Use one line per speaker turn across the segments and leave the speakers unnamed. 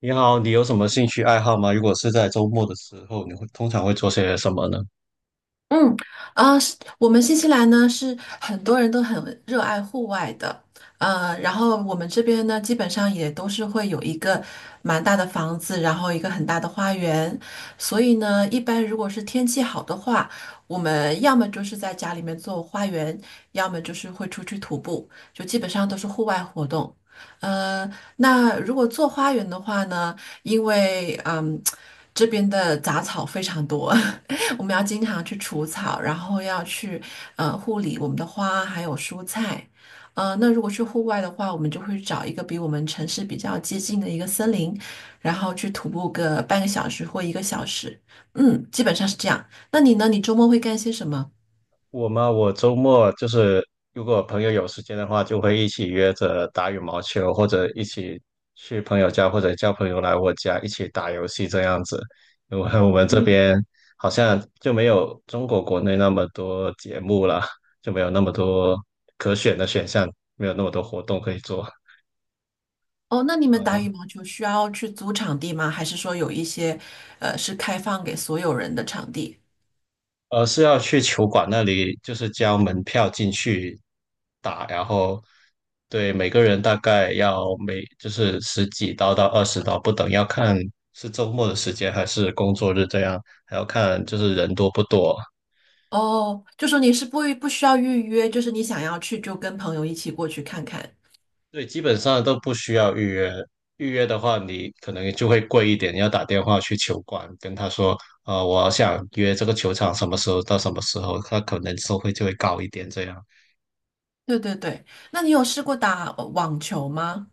你好，你有什么兴趣爱好吗？如果是在周末的时候，你会通常会做些什么呢？
嗯，啊、是我们新西兰呢是很多人都很热爱户外的，然后我们这边呢基本上也都是会有一个蛮大的房子，然后一个很大的花园，所以呢，一般如果是天气好的话，我们要么就是在家里面做花园，要么就是会出去徒步，就基本上都是户外活动。呃，那如果做花园的话呢，因为这边的杂草非常多。我们要经常去除草，然后要去护理我们的花还有蔬菜。那如果去户外的话，我们就会找一个比我们城市比较接近的一个森林，然后去徒步个半个小时或一个小时。基本上是这样。那你呢？你周末会干些什么？
我吗？我周末就是如果朋友有时间的话，就会一起约着打羽毛球，或者一起去朋友家，或者叫朋友来我家一起打游戏这样子。因为我们这边好像就没有中国国内那么多节目了，就没有那么多可选的选项，没有那么多活动可以做。
哦，那你们打羽毛球需要去租场地吗？还是说有一些是开放给所有人的场地？
而是要去球馆那里，就是交门票进去打，然后对每个人大概要就是十几刀到二十刀不等，要看是周末的时间还是工作日这样，还要看就是人多不多。
哦，就说你是不需要预约，就是你想要去就跟朋友一起过去看看。
对，基本上都不需要预约，预约的话你可能就会贵一点，你要打电话去球馆跟他说，我想约这个球场什么时候到什么时候，他可能收费就会高一点这样。
对对对，那你有试过打网球吗？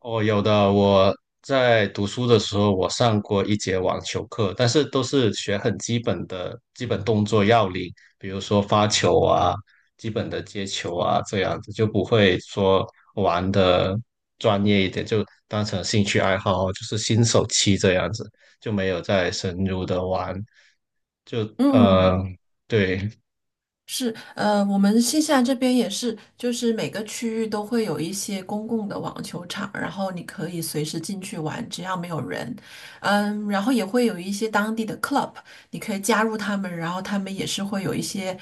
哦，有的。我在读书的时候，我上过一节网球课，但是都是学很基本的基本动作要领，比如说发球啊、基本的接球啊这样子，就不会说玩的专业一点，就当成兴趣爱好，就是新手期这样子，就没有再深入的玩。
嗯，
呃，对，
是，我们新西兰这边也是，就是每个区域都会有一些公共的网球场，然后你可以随时进去玩，只要没有人。然后也会有一些当地的 club，你可以加入他们，然后他们也是会有一些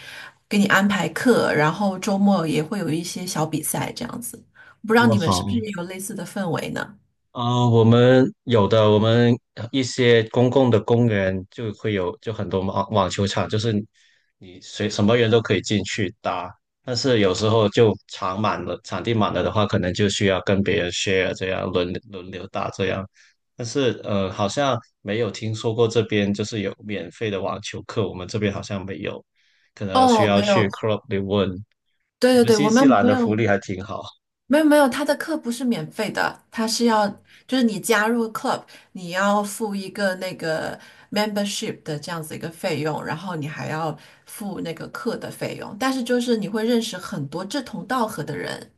给你安排课，然后周末也会有一些小比赛这样子。不知
那
道
么
你们是不是
好。
也有类似的氛围呢？
啊、我们有的，我们一些公共的公园就会有，就很多网球场，就是你随什么人都可以进去打，但是有时候就场满了，场地满了的话，可能就需要跟别人 share 这样轮流打这样。但是好像没有听说过这边就是有免费的网球课，我们这边好像没有，可能需
哦，
要
没
去
有，
club 里问。
对
你
对
们
对，
新
我
西
们
兰
没
的福
有，
利还挺好
没有没有，他的课不是免费的，他是要就是你加入 club，你要付一个那个 membership 的这样子一个费用，然后你还要付那个课的费用，但是就是你会认识很多志同道合的人，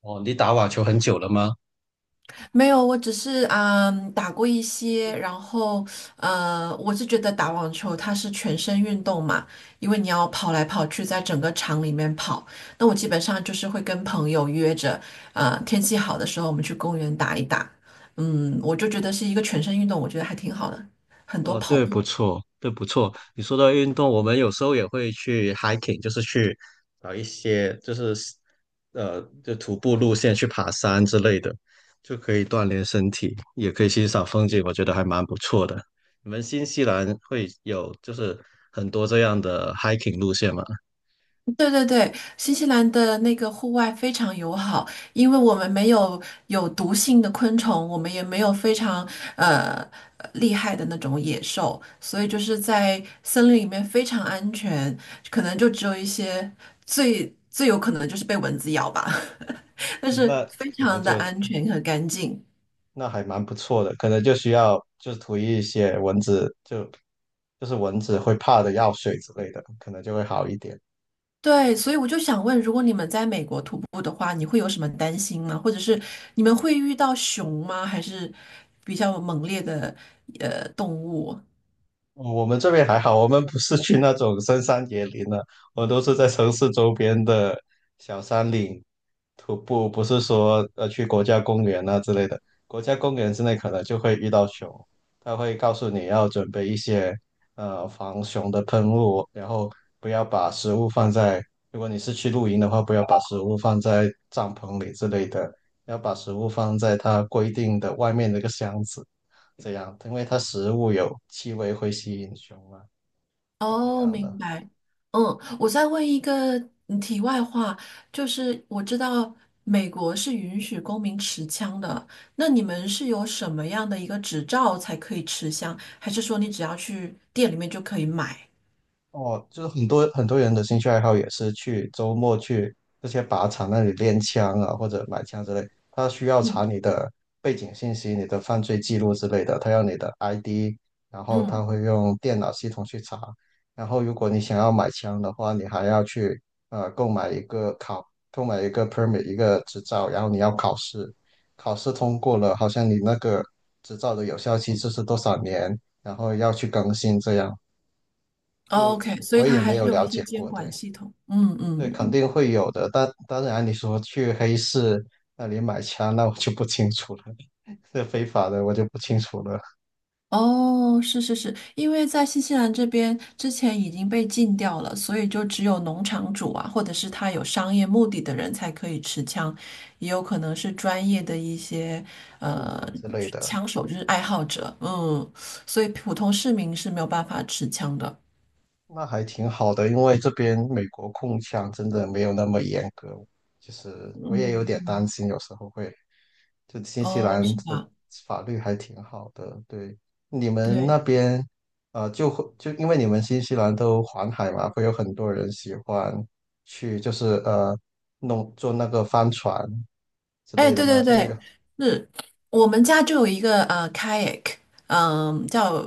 哦，你打网球很久了吗？
没有，我只是打过一些，然后我是觉得打网球它是全身运动嘛，因为你要跑来跑去，在整个场里面跑。那我基本上就是会跟朋友约着，天气好的时候我们去公园打一打。我就觉得是一个全身运动，我觉得还挺好的，很多
哦，
跑
对，
步。
不错，对，不错。你说到运动，我们有时候也会去 hiking，就是去找一些就是就徒步路线去爬山之类的，就可以锻炼身体，也可以欣赏风景，我觉得还蛮不错的。你们新西兰会有就是很多这样的 hiking 路线吗？
对对对，新西兰的那个户外非常友好，因为我们没有有毒性的昆虫，我们也没有非常呃厉害的那种野兽，所以就是在森林里面非常安全，可能就只有一些最最有可能就是被蚊子咬吧，但是
那
非
可能
常的
就
安全和干净。
那还蛮不错的，可能就需要就是涂一些蚊子，就是蚊子会怕的药水之类的，可能就会好一点。
对，所以我就想问，如果你们在美国徒步的话，你会有什么担心吗？或者是你们会遇到熊吗？还是比较猛烈的动物？
我们这边还好，我们不是去那种深山野林的，我都是在城市周边的小山岭徒步，不是说去国家公园啊之类的。国家公园之内可能就会遇到熊，它会告诉你要准备一些防熊的喷雾，然后不要把食物放在，如果你是去露营的话，不要把食物放在帐篷里之类的，要把食物放在它规定的外面那个箱子。这样，因为它食物有气味会吸引熊嘛，是这
哦，
样
明
的。
白。嗯，我再问一个题外话，就是我知道美国是允许公民持枪的，那你们是有什么样的一个执照才可以持枪？还是说你只要去店里面就可以买？
哦，就是很多很多人的兴趣爱好也是去周末去这些靶场那里练枪啊，或者买枪之类。他需要查
嗯
你的背景信息、你的犯罪记录之类的，他要你的 ID，然后他
嗯
会用电脑系统去查。然后如果你想要买枪的话，你还要去购买一个 permit 一个执照，然后你要考试，考试通过了，好像你那个执照的有效期就是多少年，然后要去更新这样。就
，OK，所以
我
它
也
还
没
是
有
有
了
一些
解
监
过，
管
对
系统。嗯
对，
嗯
肯
嗯。
定会有的。但当然，你说去黑市那里买枪，那我就不清楚了，是非法的，我就不清楚了，
哦，是是是，因为在新西兰这边之前已经被禁掉了，所以就只有农场主啊，或者是他有商业目的的人才可以持枪，也有可能是专业的一些
路
呃
人之类的。
枪手，就是爱好者，所以普通市民是没有办法持枪的，
那还挺好的，因为这边美国控枪真的没有那么严格，就是
嗯，
我也有点
嗯
担心，有时候会，就新西
哦，
兰
是
的
吧？
法律还挺好的，对，你们那
对。
边，就会就因为你们新西兰都环海嘛，会有很多人喜欢去，就是弄坐那个帆船之
哎，
类的
对
嘛，
对
就是
对，
有，
是我们家就有一个kayak，叫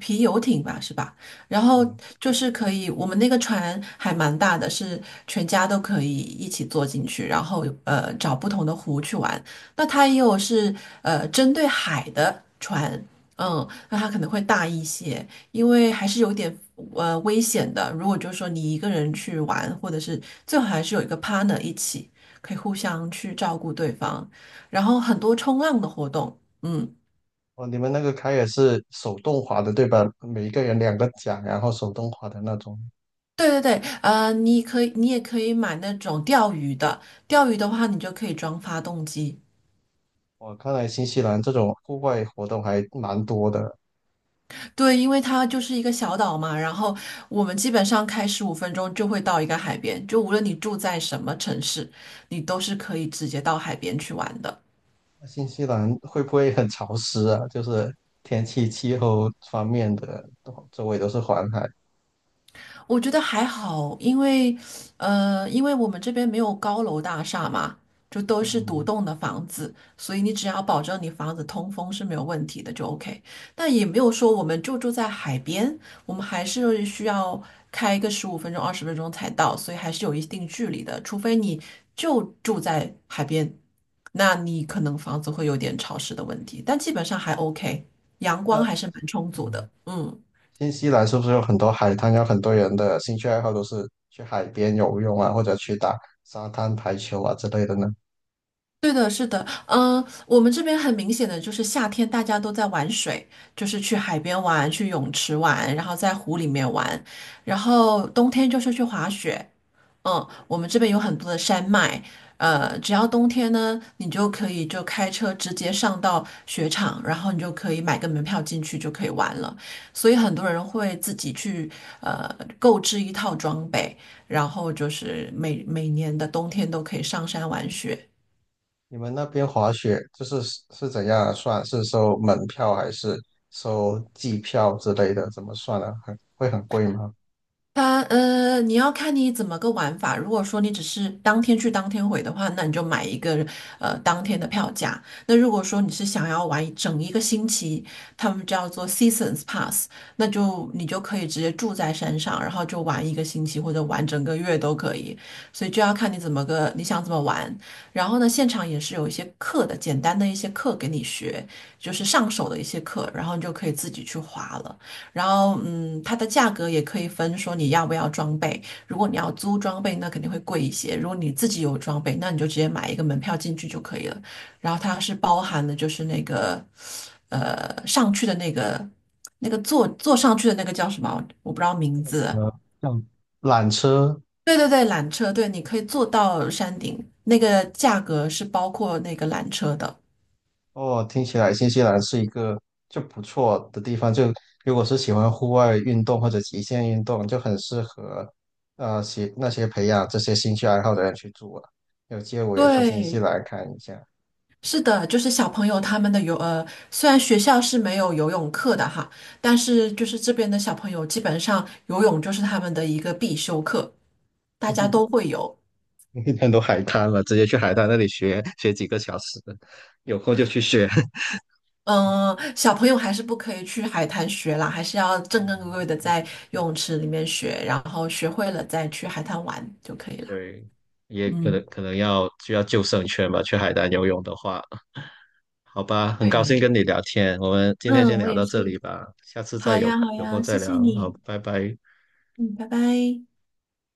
皮游艇吧，是吧？然后
嗯，
就是可以，我们那个船还蛮大的，是全家都可以一起坐进去，然后找不同的湖去玩。那它也有是针对海的船，那它可能会大一些，因为还是有点危险的。如果就是说你一个人去玩，或者是最好还是有一个 partner 一起。可以互相去照顾对方，然后很多冲浪的活动，嗯，
哦，你们那个开也是手动划的，对吧？每一个人两个桨，然后手动划的那种。
对对对，你也可以买那种钓鱼的，钓鱼的话，你就可以装发动机，
我看来新西兰这种户外活动还蛮多的。
对，因为它就是一个小岛嘛，然后我们基本上开十五分钟就会到一个海边，就无论你住在什么城市，你都是可以直接到海边去玩的。
那新西兰会不会很潮湿啊？就是天气、气候方面的，都周围都是环海。
我觉得还好，因为我们这边没有高楼大厦嘛，就都是独
嗯，
栋的房子，所以你只要保证你房子通风是没有问题的，就 OK。但也没有说我们就住在海边，我们还是需要开一个15分钟、20分钟才到，所以还是有一定距离的。除非你就住在海边，那你可能房子会有点潮湿的问题，但基本上还 OK，阳
那
光还是蛮充足
嗯，
的。嗯。
新西兰是不是有很多海滩？有很多人的兴趣爱好都是去海边游泳啊，或者去打沙滩排球啊之类的呢？
对的，是的，我们这边很明显的就是夏天大家都在玩水，就是去海边玩，去泳池玩，然后在湖里面玩，然后冬天就是去滑雪。我们这边有很多的山脉，只要冬天呢，你就可以就开车直接上到雪场，然后你就可以买个门票进去就可以玩了。所以很多人会自己去呃购置一套装备，然后就是每年的冬天都可以上山玩雪。
你们那边滑雪就是是怎样啊算？是收门票还是收季票之类的？怎么算啊？很会很贵吗？
它你要看你怎么个玩法。如果说你只是当天去当天回的话，那你就买一个当天的票价。那如果说你是想要玩一个星期，他们叫做 Seasons Pass，那就你就可以直接住在山上，然后就玩一个星期或者玩整个月都可以。所以就要看你怎么个你想怎么玩。然后呢，现场也是有一些课的，简单的一些课给你学，就是上手的一些课，然后你就可以自己去滑了。然后，它的价格也可以分，说你要不要装备。如果你要租装备，那肯定会贵一些；如果你自己有装备，那你就直接买一个门票进去就可以了。然后它是包含的，就是那个，上去的那个坐上去的那个叫什么？我不知道名字。
呃，像缆车
对对对，缆车，对，你可以坐到山顶，那个价格是包括那个缆车的。
哦，听起来新西兰是一个就不错的地方。就如果是喜欢户外运动或者极限运动，就很适合那些培养这些兴趣爱好的人去住啊。有机会我也去新西
对
兰看一下，
是的，就是小朋友他们的虽然学校是没有游泳课的哈，但是就是这边的小朋友基本上游泳就是他们的一个必修课，大家都会游。
很多海滩嘛，直接去海滩那里学学几个小时，有空就去学。
嗯、小朋友还是不可以去海滩学啦，还是要正正规规的在游泳池里面学，然后学会了再去海滩玩就可以啦。
对，也可
嗯，
能可能需要救生圈吧，去海南游泳的话，好吧，很
对
高
呀，
兴跟你聊天，我们今天先
嗯，我
聊
也
到这
是。
里吧，下次再
好呀，
有
好
有空
呀，谢
再
谢
聊，好，
你。
拜拜。
嗯，拜拜。